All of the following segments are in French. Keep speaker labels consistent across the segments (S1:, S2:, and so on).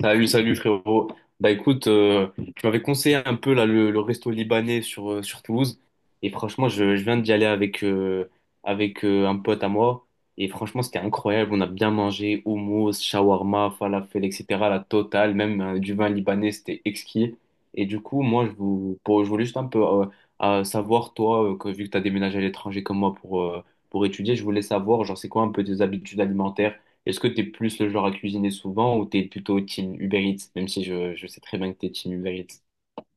S1: Salut, salut frérot. Bah, écoute, tu m'avais conseillé un peu là le resto libanais sur Toulouse. Et franchement, je viens d'y aller avec un pote à moi. Et franchement, c'était incroyable. On a bien mangé hummus, shawarma, falafel, etc. La totale, même du vin libanais, c'était exquis. Et du coup, moi, je, je voulais juste un peu savoir, toi, vu que tu as déménagé à l'étranger comme moi pour étudier, je voulais savoir, genre, c'est quoi un peu tes habitudes alimentaires? Est-ce que t'es plus le genre à cuisiner souvent ou t'es plutôt team Uber Eats, même si je sais très bien que t'es team Uber Eats?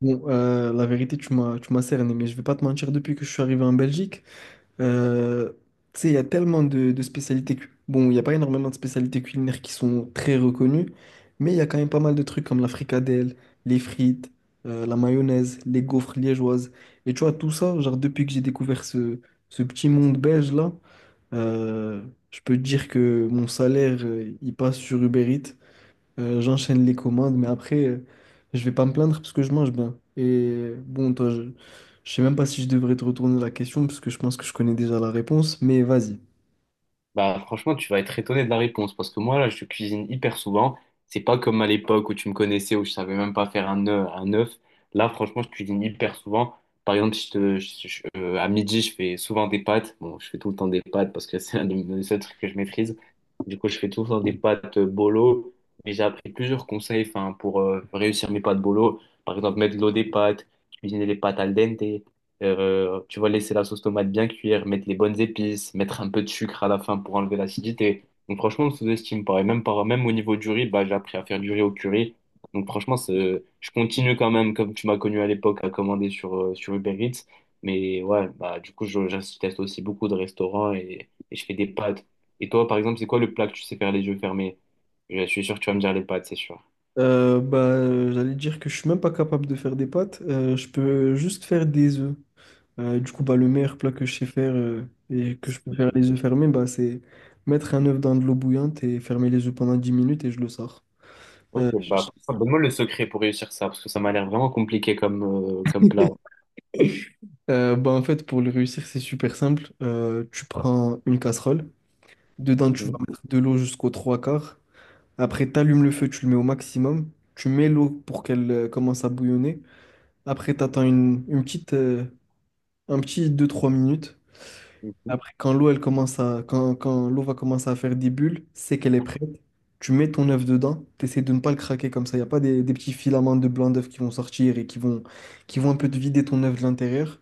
S2: Bon, la vérité, tu m'as cerné, mais je vais pas te mentir, depuis que je suis arrivé en Belgique, euh, tu sais, il y a tellement de spécialités. Bon, il n'y a pas énormément de spécialités culinaires qui sont très reconnues, mais il y a quand même pas mal de trucs comme la fricadelle, les frites, la mayonnaise, les gaufres liégeoises. Et tu vois, tout ça, genre, depuis que ce petit monde belge-là, euh, je peux te dire que mon salaire, il passe sur Uber Eats. J'enchaîne les commandes, mais après, je vais pas me plaindre parce que je mange bien. Et bon, toi, je sais même pas si je devrais te retourner la question parce que je pense que je connais déjà la réponse, mais vas-y.
S1: Bah, franchement, tu vas être étonné de la réponse parce que moi, là, je cuisine hyper souvent. C'est pas comme à l'époque où tu me connaissais, où je savais même pas faire un œuf. Un œuf. Là, franchement, je cuisine hyper souvent. Par exemple, je te, je- à midi, je fais souvent des pâtes. Bon, je fais tout le temps des pâtes parce que c'est un des seuls trucs que je maîtrise. Du coup, je fais tout le temps des pâtes bolo. Mais j'ai appris plusieurs conseils, enfin, pour réussir mes pâtes bolo. Par exemple, mettre de l'eau des pâtes, cuisiner les pâtes al dente. Tu vas laisser la sauce tomate bien cuire, mettre les bonnes épices, mettre un peu de sucre à la fin pour enlever l'acidité. Donc franchement, on sous-estime pas. Et même, même au niveau du riz, bah, j'ai appris à faire du riz au curry. Donc franchement, je continue quand même, comme tu m'as connu à l'époque, à commander sur Uber Eats. Mais ouais, bah, du coup, je teste aussi beaucoup de restaurants et je fais des pâtes. Et toi, par exemple, c'est quoi le plat que tu sais faire les yeux fermés? Je suis sûr que tu vas me dire les pâtes, c'est sûr.
S2: J'allais dire que je suis même pas capable de faire des pâtes, je peux juste faire des œufs. Du coup, bah, le meilleur plat que je sais faire et que je peux faire les œufs fermés, bah, c'est mettre un œuf dans de l'eau bouillante et fermer les œufs pendant 10 minutes et je le sors. Euh,
S1: Ok, bah, donne-moi le secret pour réussir ça, parce que ça m'a l'air vraiment compliqué comme plat.
S2: Bah, en fait, pour le réussir, c'est super simple. Tu prends une casserole. Dedans, tu vas
S1: Mhm.
S2: mettre de l'eau jusqu'aux trois quarts. Après, tu allumes le feu, tu le mets au maximum. Tu mets l'eau pour qu'elle commence à bouillonner. Après, tu attends une petite, un petit deux trois minutes.
S1: Mhm.
S2: Après, quand l'eau va commencer à faire des bulles, c'est qu'elle est prête. Tu mets ton œuf dedans. Tu essaies de ne pas le craquer comme ça. Il n'y a pas des petits filaments de blanc d'œuf qui vont sortir et qui vont un peu te vider ton œuf de l'intérieur.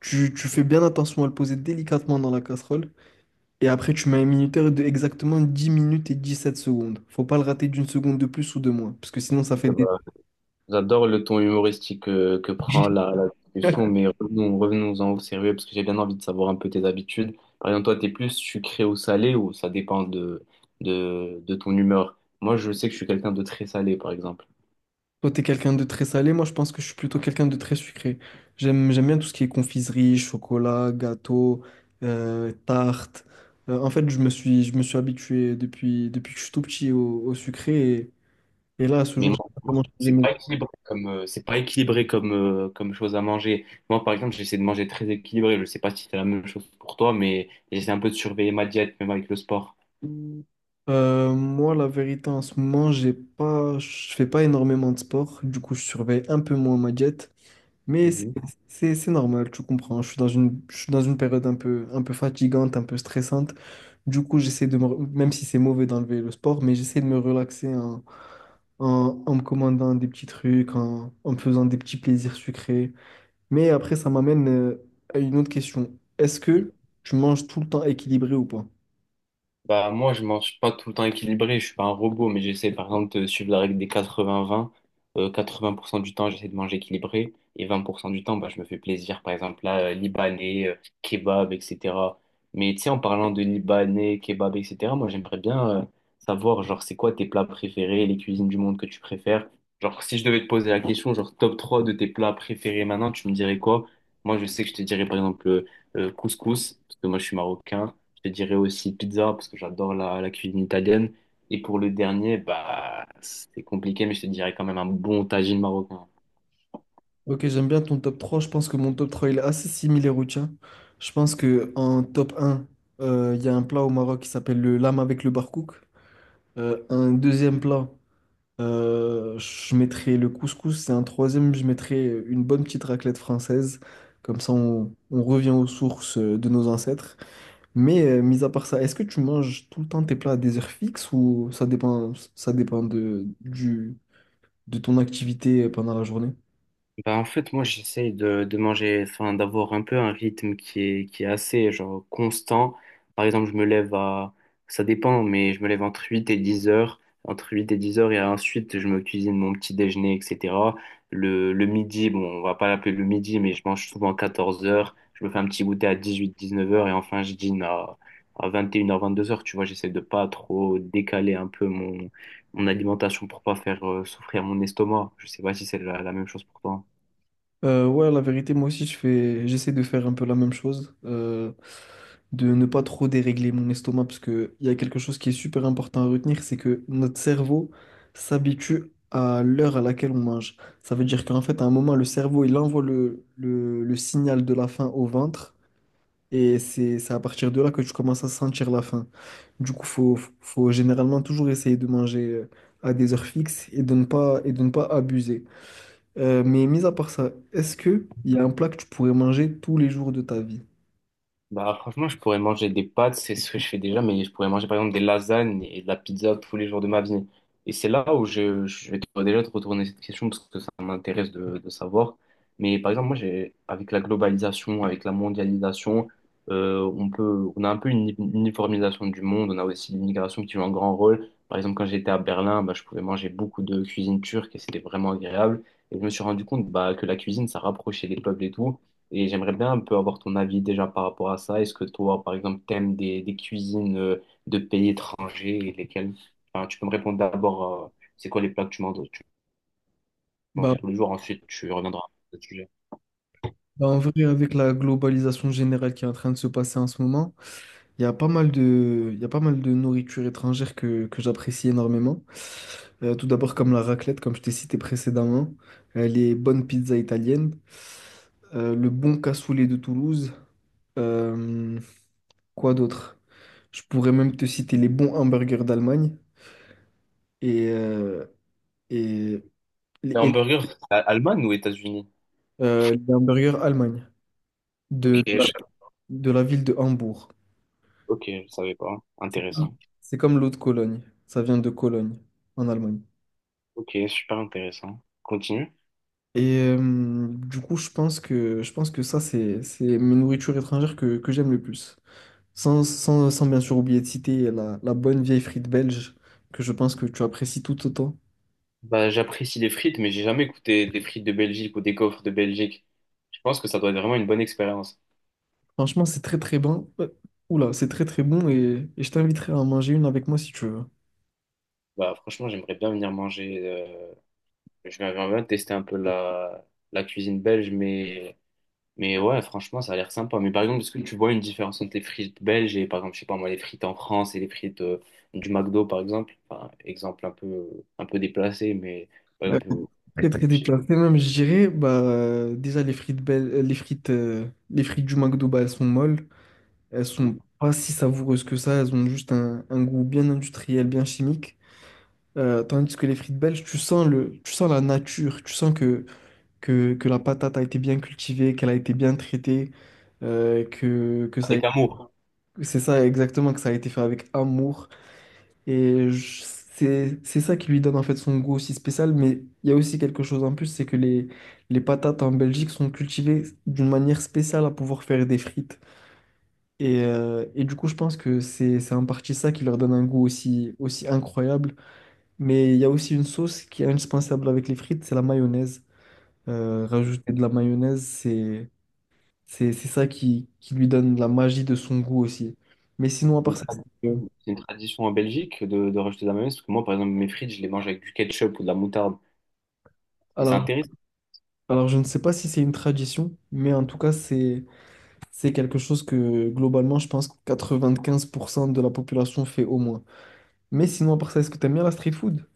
S2: Tu fais bien attention à le poser délicatement dans la casserole. Et après, tu mets un minuteur de exactement 10 minutes et 17 secondes. Faut pas le rater d'une seconde de plus ou de moins, parce que sinon, ça fait des...
S1: Bah, j'adore le ton humoristique prend la discussion, mais revenons-en au sérieux parce que j'ai bien envie de savoir un peu tes habitudes. Par exemple, toi, t'es plus sucré ou salé ou ça dépend de ton humeur. Moi, je sais que je suis quelqu'un de très salé, par exemple.
S2: Toi, t'es quelqu'un de très salé, moi, je pense que je suis plutôt quelqu'un de très sucré. J'aime bien tout ce qui est confiserie, chocolat, gâteau, tarte. En fait, je me suis habitué depuis que je suis tout petit au sucré, et là, à ce
S1: Mais
S2: jour,
S1: moi,
S2: j'ai pas vraiment changé mes-
S1: c'est pas équilibré comme chose à manger. Moi, par exemple, j'essaie de manger très équilibré. Je sais pas si c'est la même chose pour toi, mais j'essaie un peu de surveiller ma diète, même avec le sport.
S2: Moi, la vérité, en ce moment, j'ai pas, je fais pas énormément de sport, du coup, je surveille un peu moins ma diète. Mais
S1: Mhm.
S2: c'est normal, tu comprends. Je suis je suis dans une période un peu fatigante, un peu stressante. Du coup, j'essaie de me, re- même si c'est mauvais d'enlever le sport, mais j'essaie de me relaxer en me commandant des petits trucs, en me faisant des petits plaisirs sucrés. Mais après, ça m'amène à une autre question. Est-ce que tu manges tout le temps équilibré ou pas?
S1: Bah, moi, je mange pas tout le temps équilibré, je suis pas un robot, mais j'essaie par exemple de suivre la règle des 80-20. 80% du temps, j'essaie de manger équilibré et 20% du temps, bah, je me fais plaisir. Par exemple, là, libanais, kebab, etc. Mais tu sais, en parlant de libanais, kebab, etc., moi, j'aimerais bien savoir, genre, c'est quoi tes plats préférés, les cuisines du monde que tu préfères? Genre, si je devais te poser la question, genre, top 3 de tes plats préférés maintenant, tu me dirais quoi? Moi, je sais que je te dirais par exemple couscous, parce que moi, je suis marocain. Je te dirais aussi pizza parce que j'adore la cuisine italienne. Et pour le dernier, bah, c'est compliqué, mais je te dirais quand même un bon tagine marocain.
S2: Ok, j'aime bien ton top 3. Je pense que mon top 3 il est assez similaire au tien. Je pense que en top un, il y a un plat au Maroc qui s'appelle le lame avec le barkouk. Un deuxième plat, je mettrais le couscous. Et un troisième, je mettrais une bonne petite raclette française. Comme ça, on revient aux sources de nos ancêtres. Mais mis à part ça, est-ce que tu manges tout le temps tes plats à des heures fixes ou ça dépend du, de ton activité pendant la journée?
S1: Bah, en fait, moi, j'essaye de manger, enfin, d'avoir un peu un rythme qui est assez, genre, constant. Par exemple, je me lève à, ça dépend, mais je me lève entre 8 h et 10 h, entre 8 h et 10 h, et ensuite, je me cuisine mon petit déjeuner, etc. Le midi, bon, on va pas l'appeler le midi, mais je mange souvent à 14 heures. Je me fais un petit goûter à 18-19 heures, et enfin, je dîne à 21 heures, 22 heures. Tu vois, j'essaie de pas trop décaler un peu mon alimentation pour pas faire souffrir mon estomac. Je sais pas si c'est la même chose pour toi.
S2: Ouais, la vérité, moi aussi, j'essaie de faire un peu la même chose, de ne pas trop dérégler mon estomac, parce que il y a quelque chose qui est super important à retenir, c'est que notre cerveau s'habitue à l'heure à laquelle on mange. Ça veut dire qu'en fait, à un moment, le cerveau, il envoie le signal de la faim au ventre, et c'est à partir de là que tu commences à sentir la faim. Du coup, faut généralement toujours essayer de manger à des heures fixes et de ne pas, et de ne pas abuser. Mais mis à part ça, est-ce que il y a un plat que tu pourrais manger tous les jours de ta vie?
S1: Bah, franchement, je pourrais manger des pâtes, c'est ce que je fais déjà, mais je pourrais manger par exemple des lasagnes et de la pizza tous les jours de ma vie. Et c'est là où je vais déjà te retourner cette question parce que ça m'intéresse de savoir. Mais par exemple, moi, avec la globalisation, avec la mondialisation, on a un peu une uniformisation du monde. On a aussi l'immigration qui joue un grand rôle. Par exemple, quand j'étais à Berlin, bah, je pouvais manger beaucoup de cuisine turque et c'était vraiment agréable. Et je me suis rendu compte bah, que la cuisine, ça rapprochait les peuples et tout. Et j'aimerais bien un peu avoir ton avis déjà par rapport à ça. Est-ce que toi, par exemple, t'aimes des cuisines de pays étrangers et lesquelles? Enfin, tu peux me répondre d'abord, c'est quoi les plats que tu manges,
S2: Bah,
S1: tous les jours, ensuite tu reviendras à ce sujet.
S2: Bah, en vrai, avec la globalisation générale qui est en train de se passer en ce moment, il y a pas mal de, il y a pas mal de nourriture étrangère que j'apprécie énormément. Tout d'abord, comme la raclette, comme je t'ai cité précédemment, les bonnes pizzas italiennes, le bon cassoulet de Toulouse, euh, quoi d'autre? Je pourrais même te citer les bons hamburgers d'Allemagne et, euh, et,
S1: Les
S2: et
S1: hamburgers, Allemagne ou États-Unis?
S2: euh, les hamburgers Allemagne,
S1: ok,
S2: de, de la,
S1: je-
S2: de la ville de Hambourg.
S1: Ok, je savais pas.
S2: C'est comme
S1: Intéressant.
S2: c'est comme l'eau de Cologne. Ça vient de Cologne, en Allemagne.
S1: Ok, super intéressant. Continue.
S2: Et du coup, je pense que ça, c'est mes nourritures étrangères que j'aime le plus. Sans bien sûr oublier de citer la bonne vieille frite belge, que je pense que tu apprécies tout autant.
S1: Bah, j'apprécie les frites, mais j'ai jamais goûté des frites de Belgique ou des gaufres de Belgique. Je pense que ça doit être vraiment une bonne expérience.
S2: Franchement, c'est très très bon. Oula, c'est très très bon et je t'inviterai à en manger une avec moi si tu veux.
S1: Bah, franchement, j'aimerais bien venir manger. J'aimerais bien tester un peu la cuisine belge, mais ouais, franchement, ça a l'air sympa. Mais par exemple, est-ce que tu vois une différence entre les frites belges et, par exemple, je sais pas moi, les frites en France et les frites du McDo, par exemple? Enfin, exemple un peu déplacé, mais par exemple,
S2: Très très
S1: je sais-
S2: déplacé même, je dirais. Bah, déjà, les frites, belles, les frites du McDo, bah, elles sont molles. Elles sont pas si savoureuses que ça. Elles ont juste un goût bien industriel, bien chimique. Tandis que les frites belges, tu sens la nature. Tu sens que la patate a été bien cultivée, qu'elle a été bien traitée, euh, que, que ça, a-
S1: avec amour.
S2: c'est ça exactement, que ça a été fait avec amour. C'est ça qui lui donne en fait son goût aussi spécial. Mais il y a aussi quelque chose en plus, c'est que les patates en Belgique sont cultivées d'une manière spéciale à pouvoir faire des frites. Et du coup, je pense que c'est en partie ça qui leur donne un goût aussi, aussi incroyable. Mais il y a aussi une sauce qui est indispensable avec les frites, c'est la mayonnaise. Rajouter de la mayonnaise, c'est ça qui lui donne la magie de son goût aussi. Mais sinon, à
S1: C'est une
S2: part ça, c'est que-
S1: tradition c'est une tradition en Belgique de rajouter de la mayonnaise, parce que moi, par exemple, mes frites, je les mange avec du ketchup ou de la moutarde. Et c'est
S2: alors
S1: intéressant.
S2: Alors, je ne sais pas si c'est une tradition, mais en tout cas, c'est quelque chose que globalement, je pense que 95% de la population fait au moins. Mais sinon, à part ça, est-ce que t'aimes bien la street food?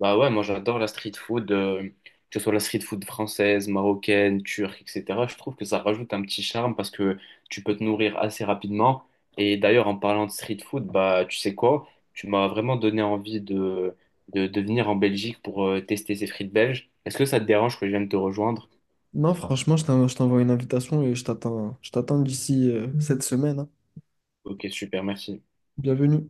S1: Bah ouais, moi j'adore la street food, que ce soit la street food française, marocaine, turque, etc. Je trouve que ça rajoute un petit charme parce que tu peux te nourrir assez rapidement. Et d'ailleurs, en parlant de street food, bah tu sais quoi? Tu m'as vraiment donné envie de venir en Belgique pour tester ces frites belges. Est-ce que ça te dérange que je vienne te rejoindre?
S2: Non, franchement, je t'envoie une invitation et je t'attends d'ici cette semaine. Hein.
S1: Ok, super, merci.
S2: Bienvenue.